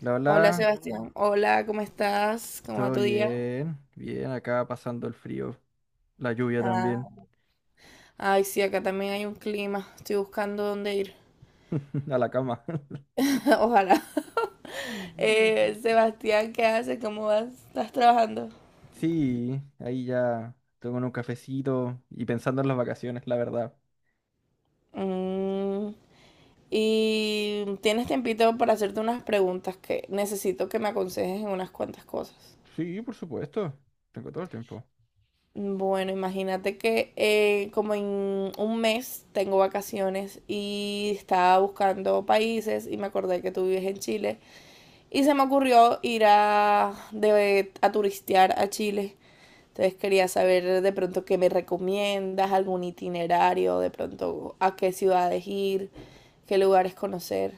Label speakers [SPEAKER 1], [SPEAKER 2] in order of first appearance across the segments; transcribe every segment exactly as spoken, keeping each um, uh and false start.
[SPEAKER 1] La
[SPEAKER 2] Hola
[SPEAKER 1] hola,
[SPEAKER 2] Sebastián, hola, ¿cómo estás? ¿Cómo va
[SPEAKER 1] todo
[SPEAKER 2] tu día?
[SPEAKER 1] bien, bien, acá pasando el frío, la lluvia
[SPEAKER 2] Ah,
[SPEAKER 1] también.
[SPEAKER 2] ay, sí, acá también hay un clima. Estoy buscando dónde ir.
[SPEAKER 1] A la cama.
[SPEAKER 2] Ojalá.
[SPEAKER 1] Ujú.
[SPEAKER 2] Eh, Sebastián, ¿qué haces? ¿Cómo vas? ¿Estás trabajando?
[SPEAKER 1] Sí, ahí ya tengo un cafecito y pensando en las vacaciones, la verdad.
[SPEAKER 2] Mm, y tienes tiempito para hacerte unas preguntas que necesito que me aconsejes en unas cuantas cosas.
[SPEAKER 1] Sí, por supuesto, tengo todo el tiempo.
[SPEAKER 2] Bueno, imagínate que eh, como en un mes tengo vacaciones y estaba buscando países y me acordé que tú vives en Chile. Y se me ocurrió ir a, de- a turistear a Chile. Entonces quería saber de pronto qué me recomiendas, algún itinerario, de pronto a qué ciudades ir, qué lugares conocer.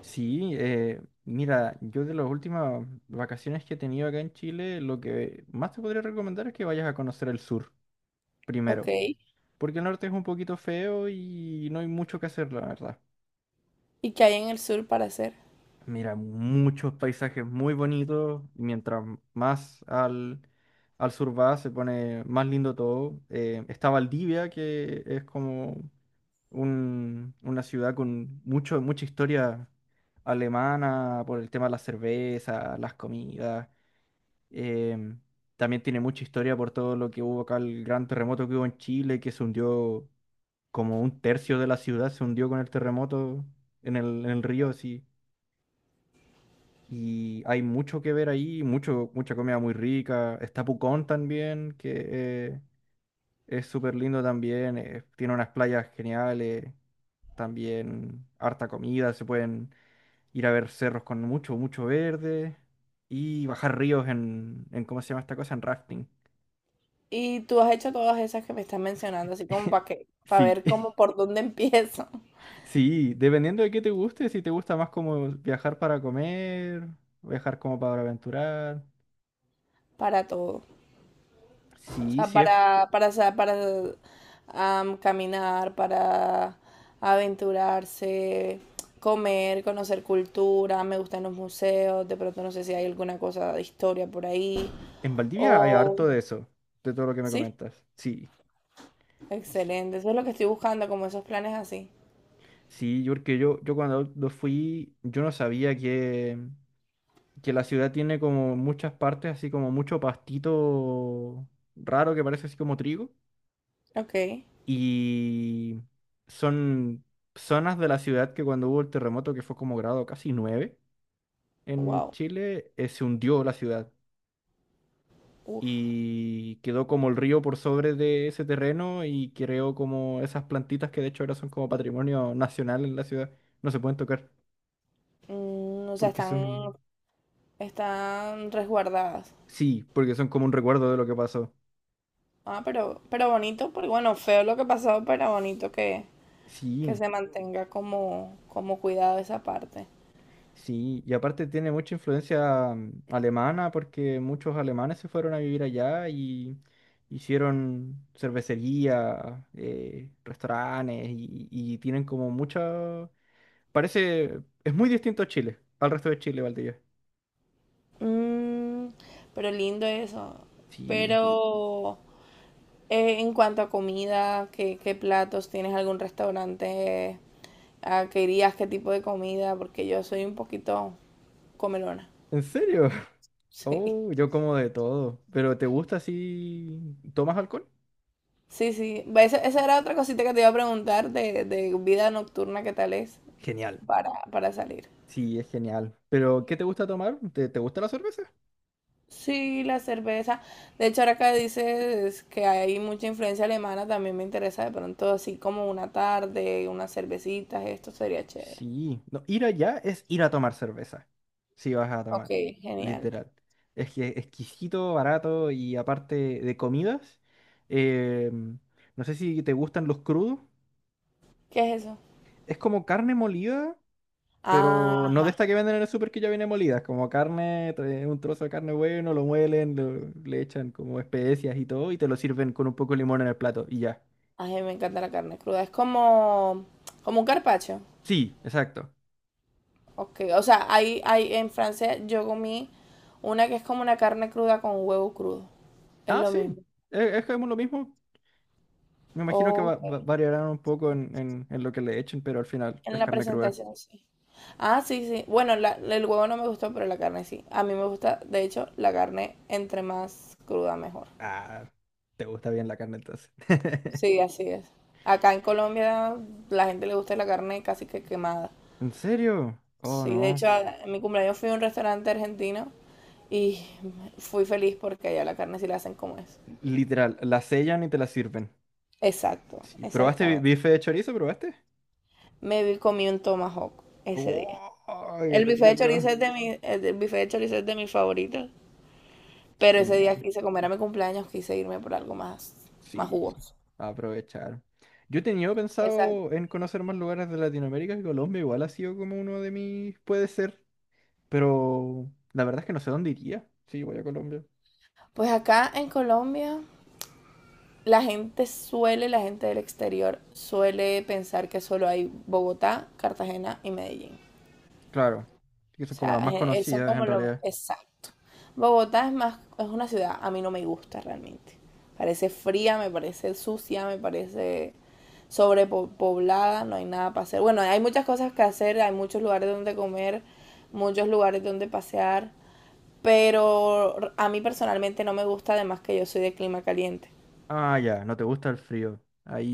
[SPEAKER 1] Sí, eh, mira, yo de las últimas vacaciones que he tenido acá en Chile, lo que más te podría recomendar es que vayas a conocer el sur primero,
[SPEAKER 2] Ok.
[SPEAKER 1] porque el norte es un poquito feo y no hay mucho que hacer, la verdad.
[SPEAKER 2] ¿Y qué hay en el sur para hacer?
[SPEAKER 1] Mira, muchos paisajes muy bonitos y mientras más al, al sur va, se pone más lindo todo. Eh, está Valdivia, que es como un- una ciudad con mucho, mucha historia alemana por el tema de la cerveza, las comidas. Eh, también tiene mucha historia por todo lo que hubo acá, el gran terremoto que hubo en Chile, que se hundió como un tercio de la ciudad, se hundió con el terremoto en el, en el río, así. Y hay mucho que ver ahí, mucho, mucha comida muy rica. Está Pucón también, que eh, es súper lindo también. Eh, tiene unas playas geniales, también harta comida. Se pueden ir a ver cerros con mucho, mucho verde y bajar ríos en, en, ¿cómo se llama esta cosa? En rafting.
[SPEAKER 2] Y tú has hecho todas esas que me estás mencionando, así como para que, para
[SPEAKER 1] Sí,
[SPEAKER 2] ver cómo por dónde empiezo.
[SPEAKER 1] sí, dependiendo de qué te guste, si te gusta más como viajar para comer, viajar como para aventurar.
[SPEAKER 2] Para todo. O
[SPEAKER 1] Sí,
[SPEAKER 2] sea,
[SPEAKER 1] sí, es.
[SPEAKER 2] para, para, sa- para am, caminar, para aventurarse, comer, conocer cultura. Me gustan los museos. De pronto no sé si hay alguna cosa de historia por ahí.
[SPEAKER 1] En Valdivia hay
[SPEAKER 2] O...
[SPEAKER 1] harto de eso, de todo lo que me
[SPEAKER 2] Sí,
[SPEAKER 1] comentas. Sí,
[SPEAKER 2] excelente. Eso es lo que estoy buscando, como esos planes así.
[SPEAKER 1] sí, yo porque yo, yo cuando lo fui, yo no sabía que, que la ciudad tiene como muchas partes, así como mucho pastito raro que parece así como trigo.
[SPEAKER 2] Ok,
[SPEAKER 1] Y son zonas de la ciudad que cuando hubo el terremoto, que fue como grado casi nueve en
[SPEAKER 2] wow.
[SPEAKER 1] Chile, eh, se hundió la ciudad.
[SPEAKER 2] Uf.
[SPEAKER 1] Y quedó como el río por sobre de ese terreno y creó como esas plantitas que de hecho ahora son como patrimonio nacional en la ciudad. No se pueden tocar
[SPEAKER 2] Mm, o sea,
[SPEAKER 1] porque
[SPEAKER 2] están,
[SPEAKER 1] son,
[SPEAKER 2] están resguardadas.
[SPEAKER 1] sí, porque son como un recuerdo de lo que pasó.
[SPEAKER 2] Ah, pero, pero bonito, porque bueno, feo lo que pasó, pero bonito que, que
[SPEAKER 1] Sí,
[SPEAKER 2] se mantenga como, como cuidado esa parte.
[SPEAKER 1] sí, y aparte tiene mucha influencia mm, alemana porque muchos alemanes se fueron a vivir allá y hicieron cervecería, eh, restaurantes y, y tienen como mucha... Parece, es muy distinto a Chile, al resto de Chile, Valdivia.
[SPEAKER 2] Mm, pero lindo eso.
[SPEAKER 1] Sí.
[SPEAKER 2] Pero eh, en cuanto a comida, ¿qué, qué platos? ¿Tienes algún restaurante a que irías? ¿Qué tipo de comida? Porque yo soy un poquito comelona.
[SPEAKER 1] ¿En serio?
[SPEAKER 2] Sí.
[SPEAKER 1] Oh, yo como de todo. ¿Pero te gusta si tomas alcohol?
[SPEAKER 2] Sí, sí. Va, Esa, esa era otra cosita que te iba a preguntar de, de vida nocturna, ¿qué tal es
[SPEAKER 1] Genial.
[SPEAKER 2] para, para salir?
[SPEAKER 1] Sí, es genial. ¿Pero qué te gusta tomar? ¿Te, te gusta la cerveza?
[SPEAKER 2] Sí, la cerveza. De hecho, ahora que dices que hay mucha influencia alemana, también me interesa de pronto así como una tarde, unas cervecitas, esto sería chévere.
[SPEAKER 1] Sí. No, ir allá es ir a tomar cerveza. Si vas a tomar,
[SPEAKER 2] Ok, genial.
[SPEAKER 1] literal. Es que exquisito, barato y aparte de comidas, em, no sé si te gustan los crudos.
[SPEAKER 2] ¿Qué es eso?
[SPEAKER 1] Es como carne molida, pero no
[SPEAKER 2] Ajá.
[SPEAKER 1] de esta que venden en el súper que ya viene molida, como carne, trae un trozo de carne bueno, lo muelen, lo- le echan como especias y todo, y te lo sirven con un poco de limón en el plato, y ya.
[SPEAKER 2] Ay, me encanta la carne cruda. Es como, como un carpaccio.
[SPEAKER 1] Sí, exacto.
[SPEAKER 2] Ok, o sea, hay, hay, en Francia yo comí una que es como una carne cruda con huevo crudo. Es
[SPEAKER 1] Ah,
[SPEAKER 2] lo
[SPEAKER 1] sí,
[SPEAKER 2] mismo.
[SPEAKER 1] es, es como lo mismo. Me imagino que va-
[SPEAKER 2] Ok,
[SPEAKER 1] va- variarán un poco en, en- en lo que le echen, pero al final
[SPEAKER 2] en
[SPEAKER 1] es
[SPEAKER 2] la
[SPEAKER 1] carne cruda.
[SPEAKER 2] presentación sí. Ah, sí, sí. Bueno, la- el huevo no me gustó, pero la carne sí. A mí me gusta, de hecho, la carne entre más cruda mejor.
[SPEAKER 1] Ah, te gusta bien la carne entonces.
[SPEAKER 2] Sí, así es. Acá en Colombia la gente le gusta la carne casi que quemada.
[SPEAKER 1] ¿En serio? Oh,
[SPEAKER 2] Sí, de
[SPEAKER 1] no.
[SPEAKER 2] hecho, a- en mi cumpleaños fui a un restaurante argentino y fui feliz porque allá la carne sí la hacen como es.
[SPEAKER 1] Literal, la sellan y te la sirven.
[SPEAKER 2] Exacto,
[SPEAKER 1] Sí, ¿probaste bi-
[SPEAKER 2] exactamente.
[SPEAKER 1] bife de chorizo? ¿Probaste?
[SPEAKER 2] Me vi- comí un tomahawk ese día.
[SPEAKER 1] ¡Wow! ¡Qué
[SPEAKER 2] El bife de
[SPEAKER 1] rico!
[SPEAKER 2] chorizo es de mi, el el bife de chorizo es de mis favoritos, pero ese día
[SPEAKER 1] Genial.
[SPEAKER 2] quise comer a mi cumpleaños, quise irme por algo más, más
[SPEAKER 1] Sí,
[SPEAKER 2] jugoso.
[SPEAKER 1] a aprovechar. Yo he tenido
[SPEAKER 2] Exacto.
[SPEAKER 1] pensado en conocer más lugares de Latinoamérica, que Colombia igual ha sido como uno de mis, puede ser, pero la verdad es que no sé dónde iría. Sí, voy a Colombia.
[SPEAKER 2] Pues acá en Colombia, la gente suele, la gente del exterior suele pensar que solo hay Bogotá, Cartagena y Medellín.
[SPEAKER 1] Claro, que
[SPEAKER 2] O
[SPEAKER 1] son como las
[SPEAKER 2] sea,
[SPEAKER 1] más
[SPEAKER 2] eh, eh, son
[SPEAKER 1] conocidas
[SPEAKER 2] como
[SPEAKER 1] en
[SPEAKER 2] lo
[SPEAKER 1] realidad.
[SPEAKER 2] exacto. Bogotá es más, es una ciudad, a mí no me gusta realmente. Parece fría, me parece sucia, me parece sobrepoblada, no hay nada para hacer. Bueno, hay muchas cosas que hacer, hay muchos lugares donde comer, muchos lugares donde pasear, pero a mí personalmente no me gusta, además que yo soy de clima caliente.
[SPEAKER 1] Ah, ya, no te gusta el frío.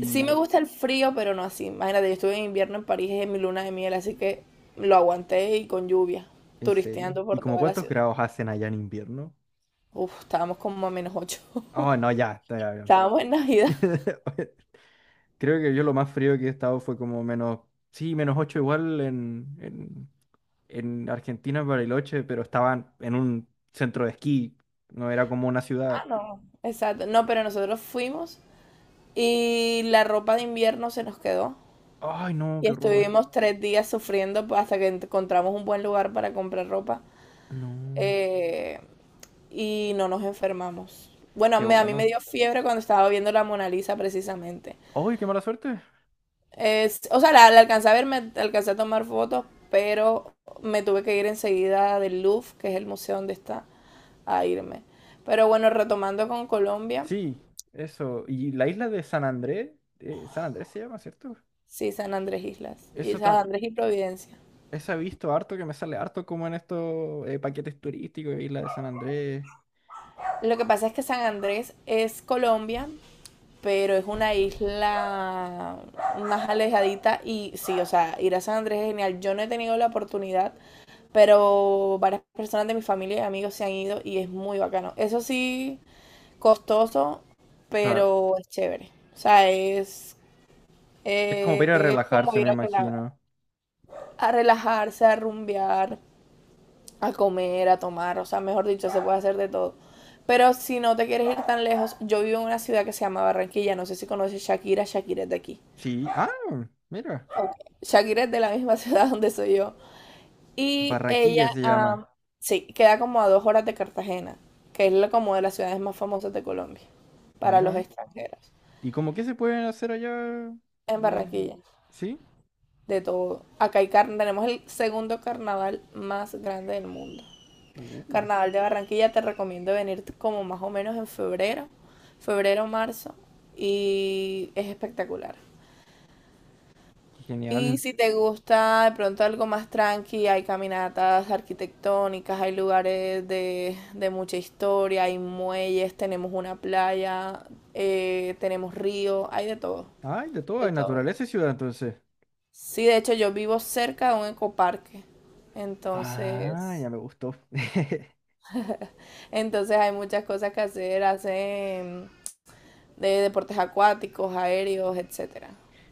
[SPEAKER 2] Sí me gusta el frío, pero no así. Imagínate, yo estuve en invierno en París en mi luna de miel, así que lo aguanté y con lluvia,
[SPEAKER 1] en serio.
[SPEAKER 2] turisteando
[SPEAKER 1] ¿Y
[SPEAKER 2] por
[SPEAKER 1] como
[SPEAKER 2] toda la
[SPEAKER 1] cuántos
[SPEAKER 2] ciudad.
[SPEAKER 1] grados hacen allá en invierno?
[SPEAKER 2] Uf, estábamos como a menos ocho.
[SPEAKER 1] Oh, no, ya, está ya bien.
[SPEAKER 2] Estábamos en Navidad.
[SPEAKER 1] Creo que yo lo más frío que he estado fue como menos, sí, menos ocho igual en, en en Argentina, en Bariloche, pero estaban en un centro de esquí. No era como una
[SPEAKER 2] Ah,
[SPEAKER 1] ciudad.
[SPEAKER 2] no. Exacto. No, pero nosotros fuimos y la ropa de invierno se nos quedó.
[SPEAKER 1] Ay, no,
[SPEAKER 2] Y
[SPEAKER 1] qué horror.
[SPEAKER 2] estuvimos tres días sufriendo pues, hasta que encontramos un buen lugar para comprar ropa.
[SPEAKER 1] No,
[SPEAKER 2] eh, y no nos enfermamos. Bueno,
[SPEAKER 1] qué
[SPEAKER 2] me- a mí me
[SPEAKER 1] bueno.
[SPEAKER 2] dio fiebre cuando estaba viendo la Mona Lisa precisamente.
[SPEAKER 1] Ay, qué mala suerte.
[SPEAKER 2] Es, o sea, la, la alcancé a ver, me alcancé a tomar fotos, pero me tuve que ir enseguida del Louvre, que es el museo donde está, a irme. Pero bueno, retomando con Colombia,
[SPEAKER 1] Sí, eso. Y la isla de San Andrés, eh, San Andrés se llama, ¿cierto?
[SPEAKER 2] sí, San Andrés Islas, y
[SPEAKER 1] Eso
[SPEAKER 2] San
[SPEAKER 1] también.
[SPEAKER 2] Andrés y Providencia.
[SPEAKER 1] Esa he visto harto que me sale harto como en estos eh, paquetes turísticos, Isla de San Andrés.
[SPEAKER 2] Lo que pasa es que San Andrés es Colombia, pero es una isla más alejadita y sí, o sea, ir a San Andrés es genial. Yo no he tenido la oportunidad, pero varias personas de mi familia y amigos se han ido y es muy bacano. Eso sí, costoso,
[SPEAKER 1] Claro.
[SPEAKER 2] pero es chévere. O sea, es,
[SPEAKER 1] Es como para ir a
[SPEAKER 2] es como
[SPEAKER 1] relajarse,
[SPEAKER 2] ir
[SPEAKER 1] me
[SPEAKER 2] a otro lado,
[SPEAKER 1] imagino.
[SPEAKER 2] a relajarse, a rumbear, a comer, a tomar. O sea, mejor dicho, se puede hacer de todo. Pero si no te quieres ir tan lejos, yo vivo en una ciudad que se llama Barranquilla. No sé si conoces Shakira. Shakira es de aquí.
[SPEAKER 1] Sí. Ah, mira.
[SPEAKER 2] Shakira es de la misma ciudad donde soy yo. Y
[SPEAKER 1] Barraquilla
[SPEAKER 2] ella,
[SPEAKER 1] se llama.
[SPEAKER 2] ah, sí, queda como a dos horas de Cartagena, que es la- como de las ciudades más famosas de Colombia, para los
[SPEAKER 1] Mira.
[SPEAKER 2] extranjeros,
[SPEAKER 1] ¿Y cómo qué se pueden hacer allá?
[SPEAKER 2] en
[SPEAKER 1] Eh,
[SPEAKER 2] Barranquilla.
[SPEAKER 1] ¿Sí?
[SPEAKER 2] De todo. Acá hay car- tenemos el segundo carnaval más grande del mundo.
[SPEAKER 1] Uh,
[SPEAKER 2] Carnaval de Barranquilla, te recomiendo venir como más o menos en febrero, febrero, marzo, y es espectacular.
[SPEAKER 1] qué
[SPEAKER 2] Y
[SPEAKER 1] genial.
[SPEAKER 2] si te gusta de pronto algo más tranqui, hay caminatas arquitectónicas, hay lugares de, de mucha historia, hay muelles, tenemos una playa, eh, tenemos río, hay de todo,
[SPEAKER 1] Ay, de todo,
[SPEAKER 2] de
[SPEAKER 1] hay
[SPEAKER 2] todo.
[SPEAKER 1] naturaleza y ciudad entonces.
[SPEAKER 2] Sí, de hecho yo vivo cerca de un ecoparque,
[SPEAKER 1] Ah,
[SPEAKER 2] entonces,
[SPEAKER 1] ya me gustó.
[SPEAKER 2] entonces hay muchas cosas que hacer, hacen de deportes acuáticos, aéreos, etcétera.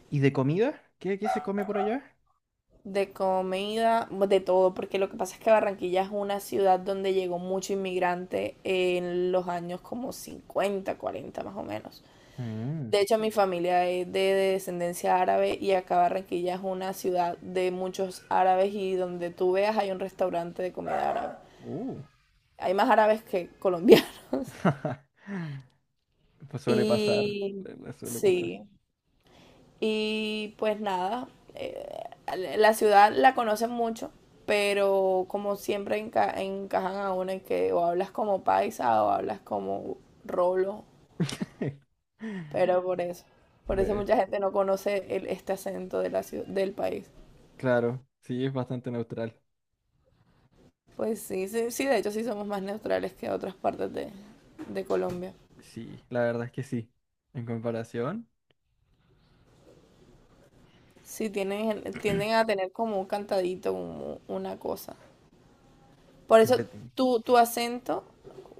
[SPEAKER 1] ¿Y de comida? ¿Qué, qué se come por allá?
[SPEAKER 2] De comida, de todo, porque lo que pasa es que Barranquilla es una ciudad donde llegó mucho inmigrante en los años como cincuenta, cuarenta más o menos.
[SPEAKER 1] Mm,
[SPEAKER 2] De hecho, mi familia es de descendencia árabe y acá Barranquilla es una ciudad de muchos árabes y donde tú veas hay un restaurante de comida árabe.
[SPEAKER 1] uh.
[SPEAKER 2] Hay más árabes que colombianos.
[SPEAKER 1] Pues suele pasar,
[SPEAKER 2] Y
[SPEAKER 1] le- le suele pasar.
[SPEAKER 2] sí, y pues nada, eh, la ciudad la conocen mucho, pero como siempre enca- encajan a uno en que o hablas como paisa o hablas como rolo, pero por eso, por eso
[SPEAKER 1] Bueno,
[SPEAKER 2] mucha gente no conoce el- este acento de la ciu- del país.
[SPEAKER 1] claro, sí, es bastante neutral.
[SPEAKER 2] Pues sí, sí, sí, de hecho sí somos más neutrales que otras partes de, de Colombia.
[SPEAKER 1] Sí, la verdad es que sí. En comparación,
[SPEAKER 2] Sí, tienen, tienden a tener como un cantadito, un- una cosa. Por eso
[SPEAKER 1] entreten-
[SPEAKER 2] tu, tu acento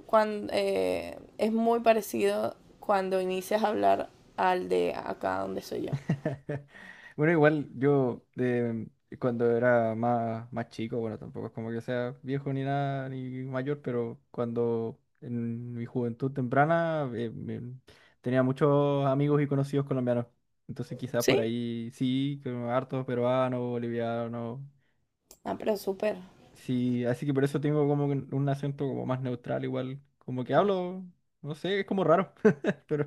[SPEAKER 2] cuando, eh, es muy parecido cuando inicias a hablar al de acá donde soy yo.
[SPEAKER 1] Bueno, igual yo eh, cuando era más, más chico, bueno, tampoco es como que sea viejo ni nada, ni mayor, pero cuando en mi juventud temprana eh, me- tenía muchos amigos y conocidos colombianos. Entonces quizás por
[SPEAKER 2] ¿Sí?
[SPEAKER 1] ahí sí, que hartos peruanos, bolivianos.
[SPEAKER 2] Ah, pero súper.
[SPEAKER 1] Sí, así que por eso tengo como que un acento como más neutral, igual. Como que hablo, no sé, es como raro, pero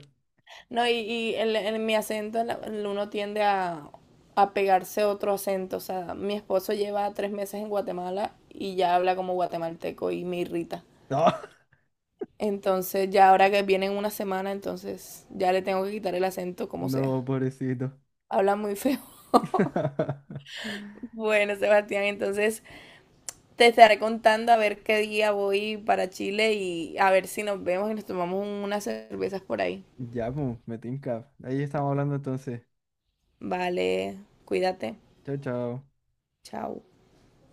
[SPEAKER 2] No, y, y en, en mi acento la- uno tiende a, a pegarse a otro acento. O sea, mi esposo lleva tres meses en Guatemala y ya habla como guatemalteco y me irrita.
[SPEAKER 1] no,
[SPEAKER 2] Entonces, ya ahora que viene en una semana, entonces ya le tengo que quitar el acento como sea.
[SPEAKER 1] no, pobrecito.
[SPEAKER 2] Habla muy feo. Bueno, Sebastián, entonces Te estaré contando a ver qué día voy para Chile y a ver si nos vemos y nos tomamos un- unas cervezas por ahí.
[SPEAKER 1] Ya, pues, me tinca. Ahí estamos hablando entonces.
[SPEAKER 2] Vale, cuídate.
[SPEAKER 1] Chao, chao.
[SPEAKER 2] Chao.